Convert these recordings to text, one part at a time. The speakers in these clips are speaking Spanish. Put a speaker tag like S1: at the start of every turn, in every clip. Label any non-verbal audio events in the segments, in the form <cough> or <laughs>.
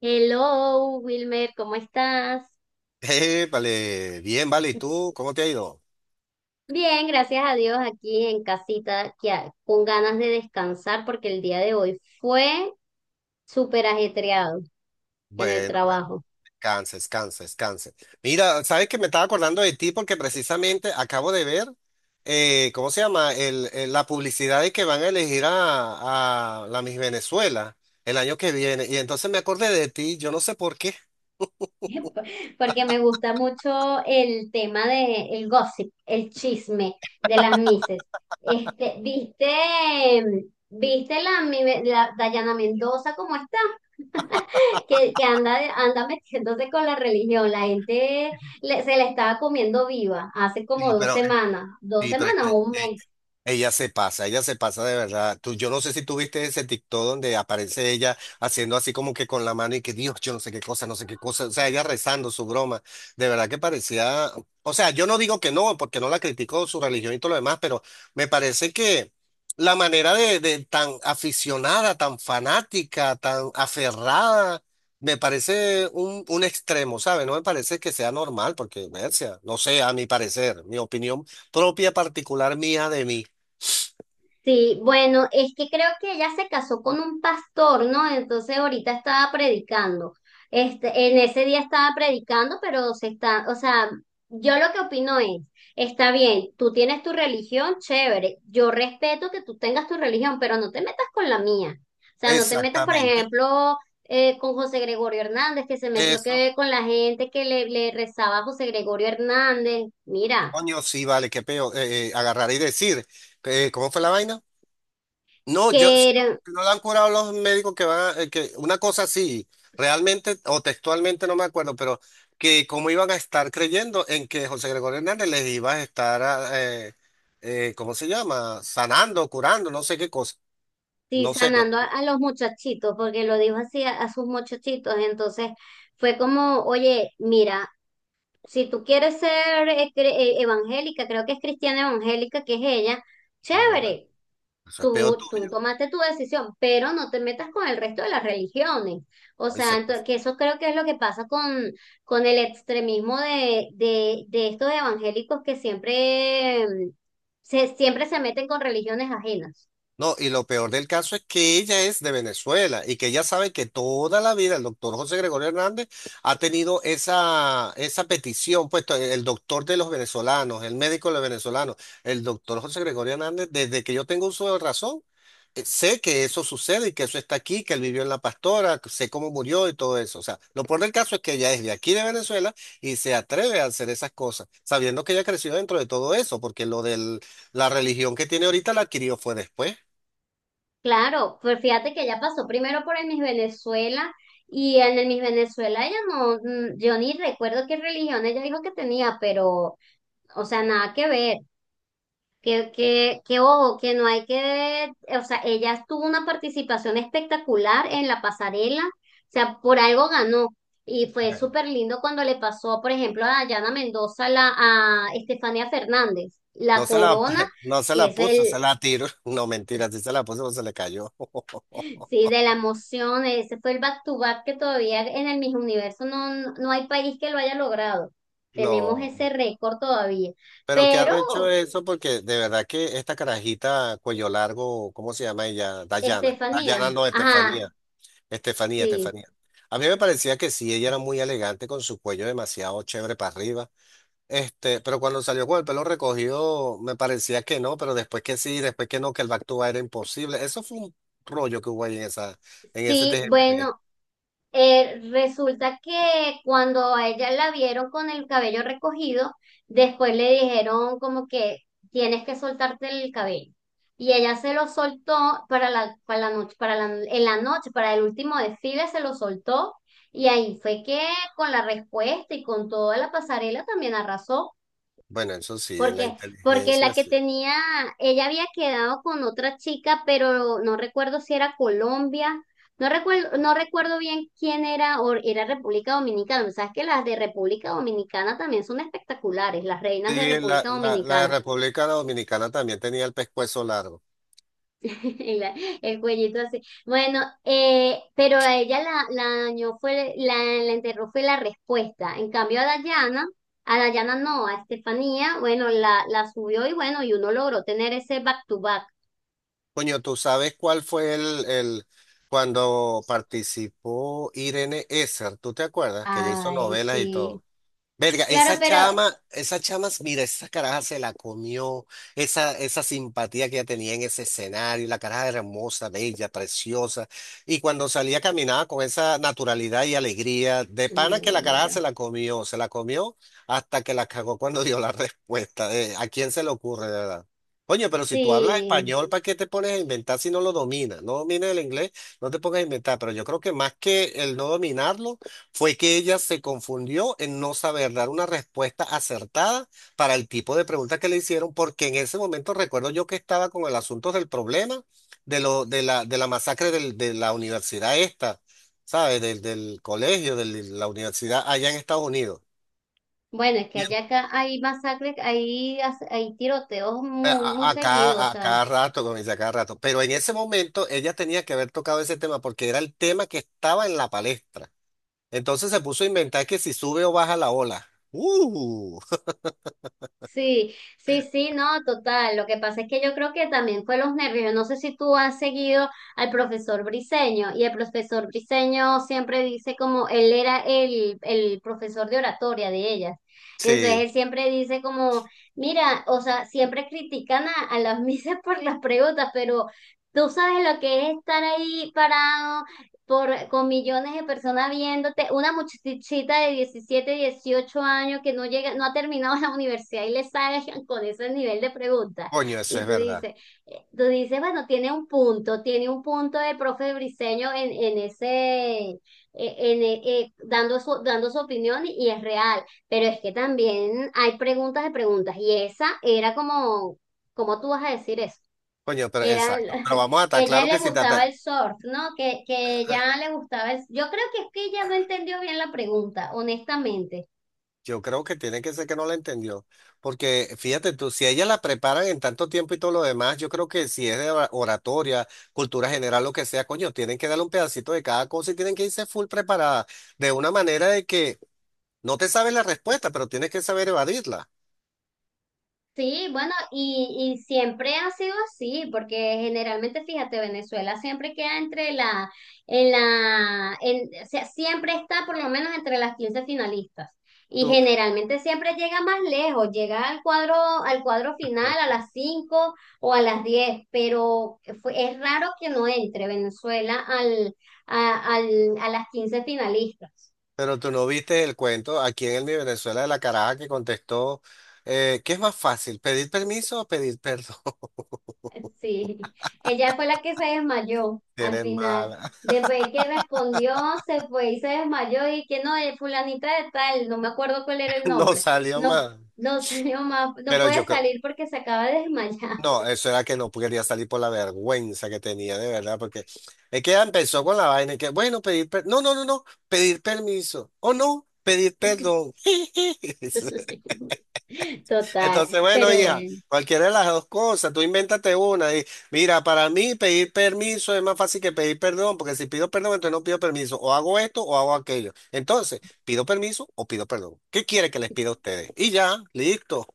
S1: Hello, Wilmer, ¿cómo estás?
S2: Vale, bien, vale. ¿Y tú? ¿Cómo te ha ido?
S1: Bien, gracias a Dios aquí en casita, que con ganas de descansar porque el día de hoy fue súper ajetreado en el
S2: Bueno, bueno,
S1: trabajo.
S2: descansa, descansa, descansa. Mira, sabes que me estaba acordando de ti porque precisamente acabo de ver, ¿cómo se llama? La publicidad de que van a elegir a la Miss Venezuela el año que viene. Y entonces me acordé de ti, yo no sé por qué.
S1: <laughs> Porque me gusta mucho el tema de el gossip, el chisme de las mises. Este, ¿viste, viste la Dayana Mendoza cómo está? <laughs> Que anda metiéndose con la religión. La gente se la estaba comiendo viva hace como
S2: Sí,
S1: dos
S2: pero,
S1: semanas, dos
S2: sí, pero es
S1: semanas
S2: que
S1: o un mes.
S2: ella se pasa, ella se pasa de verdad. Tú, yo no sé si tú viste ese TikTok donde aparece ella haciendo así como que con la mano y que Dios, yo no sé qué cosa, no sé qué cosa. O sea, ella rezando su broma. De verdad que parecía, o sea, yo no digo que no, porque no la critico su religión y todo lo demás, pero me parece que la manera de tan aficionada, tan fanática, tan aferrada, me parece un extremo, ¿sabes? No me parece que sea normal, porque, Mercia, no sé, a mi parecer, mi opinión propia particular mía de mí.
S1: Sí, bueno, es que creo que ella se casó con un pastor, ¿no? Entonces ahorita estaba predicando. En ese día estaba predicando, pero se está, o sea, yo lo que opino es, está bien, tú tienes tu religión, chévere. Yo respeto que tú tengas tu religión, pero no te metas con la mía. O sea, no te metas, por
S2: Exactamente.
S1: ejemplo, con José Gregorio Hernández, que se metió
S2: Eso.
S1: que con la gente que le rezaba a José Gregorio Hernández. Mira.
S2: Coño, sí, vale, qué peo. Agarrar y decir, ¿cómo fue la vaina? No,
S1: que
S2: yo, si
S1: era-
S2: no la han curado los médicos que van, que una cosa así, realmente o textualmente no me acuerdo, pero que cómo iban a estar creyendo en que José Gregorio Hernández les iba a estar, ¿cómo se llama? Sanando, curando, no sé qué cosa.
S1: Sí,
S2: No sé, no.
S1: sanando a los muchachitos, porque lo dijo así a sus muchachitos. Entonces fue como, oye, mira, si tú quieres ser evangélica, creo que es cristiana evangélica, que es ella,
S2: Qué bola.
S1: chévere,
S2: Eso es peo
S1: tú,
S2: tuyo.
S1: tú tomaste tu decisión, pero no te metas con el resto de las religiones. O
S2: Hoy se
S1: sea,
S2: pasa.
S1: que eso creo que es lo que pasa con, el extremismo de estos evangélicos que siempre, siempre se meten con religiones ajenas.
S2: No, y lo peor del caso es que ella es de Venezuela y que ella sabe que toda la vida el doctor José Gregorio Hernández ha tenido esa, esa petición, puesto el doctor de los venezolanos, el médico de los venezolanos, el doctor José Gregorio Hernández, desde que yo tengo uso de razón, sé que eso sucede y que eso está aquí, que él vivió en La Pastora, que sé cómo murió y todo eso. O sea, lo peor del caso es que ella es de aquí de Venezuela y se atreve a hacer esas cosas, sabiendo que ella creció dentro de todo eso, porque lo de la religión que tiene ahorita la adquirió fue después.
S1: Claro, pues fíjate que ella pasó primero por el Miss Venezuela y en el Miss Venezuela ella no, yo ni recuerdo qué religión ella dijo que tenía, pero, o sea, nada que ver, que ojo, que no hay que, o sea, ella tuvo una participación espectacular en la pasarela, o sea, por algo ganó y fue súper lindo cuando le pasó, por ejemplo, a Dayana Mendoza, a Estefanía Fernández, la
S2: No se la,
S1: corona
S2: <laughs> no se
S1: que
S2: la
S1: es
S2: puso, se
S1: el,
S2: la tiró. <laughs> No, mentira, sí se la puso, pero se le cayó. <laughs>
S1: sí, de la emoción, ese fue el back to back que todavía en el Miss Universo no no hay país que lo haya logrado. Tenemos
S2: No,
S1: ese récord todavía.
S2: pero qué arrecho
S1: Pero,
S2: eso, porque de verdad que esta carajita cuello largo, ¿cómo se llama ella? Dayana.
S1: Estefanía,
S2: Dayana no,
S1: ajá,
S2: Estefanía. Estefanía,
S1: sí,
S2: Estefanía. A mí me parecía que sí, ella era muy elegante con su cuello demasiado chévere para arriba. Este, pero cuando salió con el pelo recogido, me parecía que no, pero después que sí, después que no, que el back to back era imposible. Eso fue un rollo que hubo ahí en esa, en ese
S1: sí,
S2: TGN.
S1: bueno, resulta que cuando a ella la vieron con el cabello recogido, después le dijeron como que tienes que soltarte el cabello. Y ella se lo soltó para la noche, en la noche, para el último desfile se lo soltó. Y ahí fue que con la respuesta y con toda la pasarela también arrasó.
S2: Bueno, eso sí, en la
S1: Porque la
S2: inteligencia
S1: que
S2: sí.
S1: tenía, ella había quedado con otra chica, pero no recuerdo si era Colombia, no recuerdo bien quién era, o era República Dominicana. Sabes que las de República Dominicana también son espectaculares, las reinas de
S2: Sí, la,
S1: República
S2: la, la
S1: Dominicana.
S2: República Dominicana también tenía el pescuezo largo.
S1: <laughs> Y el cuellito así. Bueno, pero a ella la dañó fue, la enterró fue la respuesta. En cambio a Dayana no, a Estefanía, bueno, la subió y bueno, y uno logró tener ese back to back.
S2: Coño, ¿tú sabes cuál fue el cuando participó Irene Esser? ¿Tú te acuerdas? Que ella hizo
S1: Ay,
S2: novelas y
S1: sí.
S2: todo. Verga,
S1: Claro, pero...
S2: esa chama, mira, esa caraja se la comió, esa simpatía que ella tenía en ese escenario, la caraja era hermosa, bella, preciosa, y cuando salía caminaba con esa naturalidad y alegría, de pana que
S1: No,
S2: la caraja
S1: mira.
S2: se la comió hasta que la cagó cuando dio la <laughs> respuesta, ¿a quién se le ocurre, de verdad? Oye, pero si tú hablas
S1: Sí.
S2: español, ¿para qué te pones a inventar si no lo dominas? No domines el inglés, no te pongas a inventar, pero yo creo que más que el no dominarlo, fue que ella se confundió en no saber dar una respuesta acertada para el tipo de pregunta que le hicieron, porque en ese momento recuerdo yo que estaba con el asunto del problema de la masacre de la universidad esta, ¿sabes? Del colegio, de la universidad allá en Estados Unidos.
S1: Bueno, es que allá acá hay masacres, hay tiroteos muy, muy seguidos, o
S2: A
S1: sea.
S2: cada rato, como dice, a cada rato. Pero en ese momento ella tenía que haber tocado ese tema porque era el tema que estaba en la palestra. Entonces se puso a inventar que si sube o baja la ola. ¡Uh!
S1: Sí, sí, sí, no, total. Lo que pasa es que yo creo que también fue los nervios. Yo no sé si tú has seguido al profesor Briseño y el profesor Briseño siempre dice como él era el profesor de oratoria de ellas. Y entonces
S2: Sí.
S1: él siempre dice como, mira, o sea, siempre critican a las <laughs> misas por las preguntas, pero tú sabes lo que es estar ahí parado por, con millones de personas viéndote, una muchachita de 17, 18 años que no llega, no ha terminado la universidad y le salgan con ese nivel de preguntas.
S2: Coño, eso
S1: Y
S2: es verdad.
S1: tú dices, bueno, tiene un punto el profe Briseño en ese, dando su opinión y es real, pero es que también hay preguntas de preguntas y esa era como, ¿cómo tú vas a decir eso?
S2: Coño, pero
S1: Era el-
S2: exacto. Pero
S1: <laughs>
S2: vamos a
S1: que
S2: estar
S1: ella
S2: claro
S1: le
S2: que si te
S1: gustaba el surf, ¿no? Que ella le gustaba el... Yo creo que es que ella no entendió bien la pregunta, honestamente.
S2: yo creo que tiene que ser que no la entendió. Porque fíjate tú, si ella la preparan en tanto tiempo y todo lo demás, yo creo que si es de oratoria, cultura general, lo que sea, coño, tienen que darle un pedacito de cada cosa y tienen que irse full preparada. De una manera de que no te sabes la respuesta, pero tienes que saber evadirla.
S1: Sí, bueno, y siempre ha sido así, porque generalmente, fíjate, Venezuela siempre queda entre o sea, siempre está por lo menos entre las 15 finalistas. Y
S2: Tú,
S1: generalmente siempre llega más lejos, llega al cuadro, final a las 5 o a las 10 pero es raro que no entre Venezuela a las 15 finalistas.
S2: pero tú no viste el cuento aquí en el Mi Venezuela de la caraja que contestó, ¿qué es más fácil, pedir permiso o pedir perdón? <laughs>
S1: Sí, ella fue la que se desmayó al
S2: Eres
S1: final.
S2: mala.
S1: Después el que respondió, se fue y se desmayó y que no, fulanita de tal, no me acuerdo cuál era el
S2: No
S1: nombre.
S2: salió
S1: No,
S2: más.
S1: no <laughs> salió más, no
S2: Pero
S1: puede
S2: yo creo,
S1: salir porque se acaba de desmayar.
S2: no, eso era que no quería salir por la vergüenza que tenía, de verdad, porque es que ella empezó con la vaina y que, bueno, no, no, no, no, pedir permiso, o no, pedir perdón. <laughs>
S1: <laughs> Total,
S2: Entonces, bueno,
S1: pero
S2: hija,
S1: bueno,
S2: cualquiera de las dos cosas, tú invéntate una y mira, para mí pedir permiso es más fácil que pedir perdón, porque si pido perdón, entonces no pido permiso, o hago esto o hago aquello. Entonces, pido permiso o pido perdón. ¿Qué quiere que les pida a ustedes? Y ya, listo.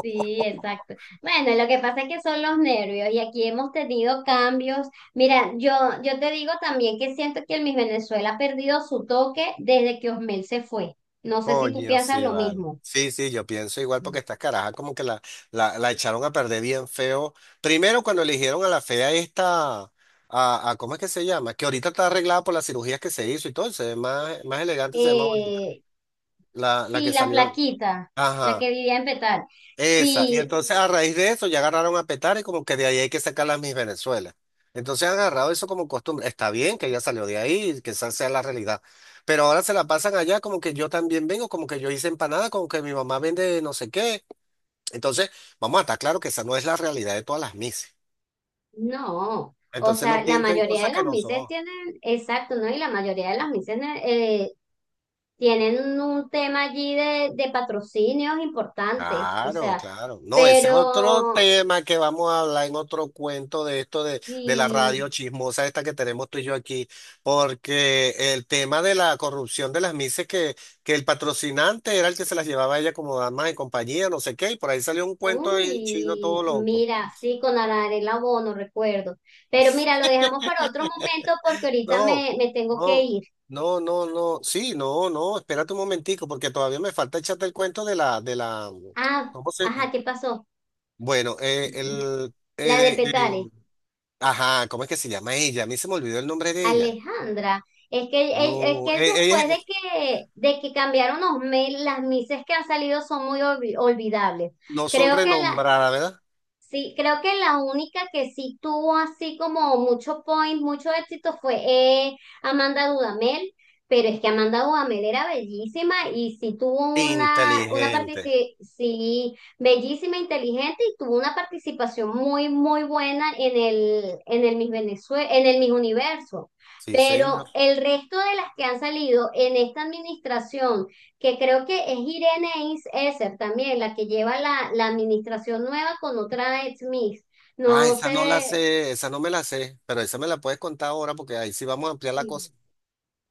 S1: sí, exacto. Bueno, lo que pasa es que son los nervios y aquí hemos tenido cambios. Mira, yo te digo también que siento que el Miss Venezuela ha perdido su toque desde que Osmel se fue. No sé si tú
S2: Coño,
S1: piensas
S2: sí,
S1: lo
S2: vale.
S1: mismo.
S2: Sí, sí, yo pienso igual porque estas carajas como que la echaron a perder bien feo. Primero cuando eligieron a la fea esta, a ¿cómo es que se llama? Que ahorita está arreglada por las cirugías que se hizo y todo, se ve más, más elegante, se ve más bonita.
S1: Eh,
S2: La
S1: sí,
S2: que
S1: la
S2: salió.
S1: flaquita, la
S2: Ajá.
S1: que vivía en Petal.
S2: Esa, y
S1: Sí,
S2: entonces a raíz de eso ya agarraron a petar y como que de ahí hay que sacar las mis Venezuela. Entonces han agarrado eso como costumbre. Está bien que ella salió de ahí, y que esa sea la realidad. Pero ahora se la pasan allá como que yo también vengo, como que yo hice empanada, como que mi mamá vende no sé qué. Entonces, vamos a estar claro que esa no es la realidad de todas las mises.
S1: no. O
S2: Entonces
S1: sea,
S2: no
S1: la
S2: pinten
S1: mayoría de
S2: cosas que
S1: las
S2: no
S1: mises
S2: son.
S1: tienen, exacto, ¿no? Y la mayoría de las mises eh, tienen un tema allí de patrocinios importantes. O
S2: Claro,
S1: sea,
S2: claro. No, ese es otro
S1: pero,
S2: tema que vamos a hablar en otro cuento de esto de la
S1: y,
S2: radio chismosa esta que tenemos tú y yo aquí, porque el tema de la corrupción de las mises que el patrocinante era el que se las llevaba a ella como damas de compañía, no sé qué, y por ahí salió un cuento ahí chino
S1: uy,
S2: todo loco.
S1: mira, sí, con Arela Bono, recuerdo. Pero mira, lo dejamos para otro momento porque ahorita
S2: No,
S1: me tengo que
S2: no,
S1: ir.
S2: no, sí, no, espérate un momentico, porque todavía me falta echarte el cuento de la,
S1: Ah,
S2: ¿cómo se?
S1: ajá, ¿qué pasó?
S2: Bueno,
S1: La de Petare.
S2: ajá, ¿cómo es que se llama ella? A mí se me olvidó el nombre de ella.
S1: Alejandra, es que, es que
S2: No, ellas
S1: después de que, de que cambiaron los mails, las mises que han salido son muy olvidables.
S2: no son
S1: Creo que la,
S2: renombradas, ¿verdad?
S1: Sí, creo que la única que sí tuvo así como mucho point, mucho éxito fue Amanda Dudamel, pero es que Amanda Dudamel era bellísima y sí tuvo una
S2: Inteligente.
S1: participación, sí, bellísima, inteligente y tuvo una participación muy, muy buena en el Miss Venezuela, en el Miss Universo.
S2: Sí, señor.
S1: Pero el resto de las que han salido en esta administración que creo que es Irene Esser también, la que lleva la administración nueva con otra ex Miss.
S2: Ah,
S1: No
S2: esa no la
S1: sé,
S2: sé, esa no me la sé, pero esa me la puedes contar ahora porque ahí sí vamos a ampliar la cosa.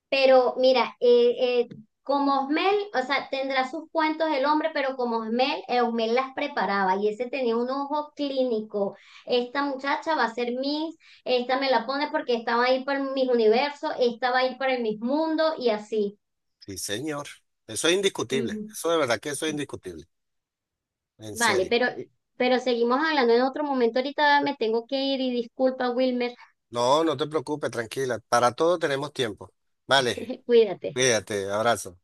S1: pero mira, como Osmel, o sea, tendrá sus cuentos el hombre, pero como Osmel, Osmel las preparaba y ese tenía un ojo clínico. Esta muchacha va a ser Miss, esta me la pone porque estaba ahí para mis universos, esta va a ir para el Miss Mundo y así.
S2: Sí, señor. Eso es indiscutible.
S1: Ujú,
S2: Eso de verdad que eso es
S1: sí.
S2: indiscutible. En
S1: Vale,
S2: serio.
S1: pero seguimos hablando en otro momento. Ahorita me tengo que ir y disculpa, Wilmer.
S2: No, no te preocupes, tranquila. Para todo tenemos tiempo. Vale,
S1: <laughs> Cuídate.
S2: cuídate, abrazo.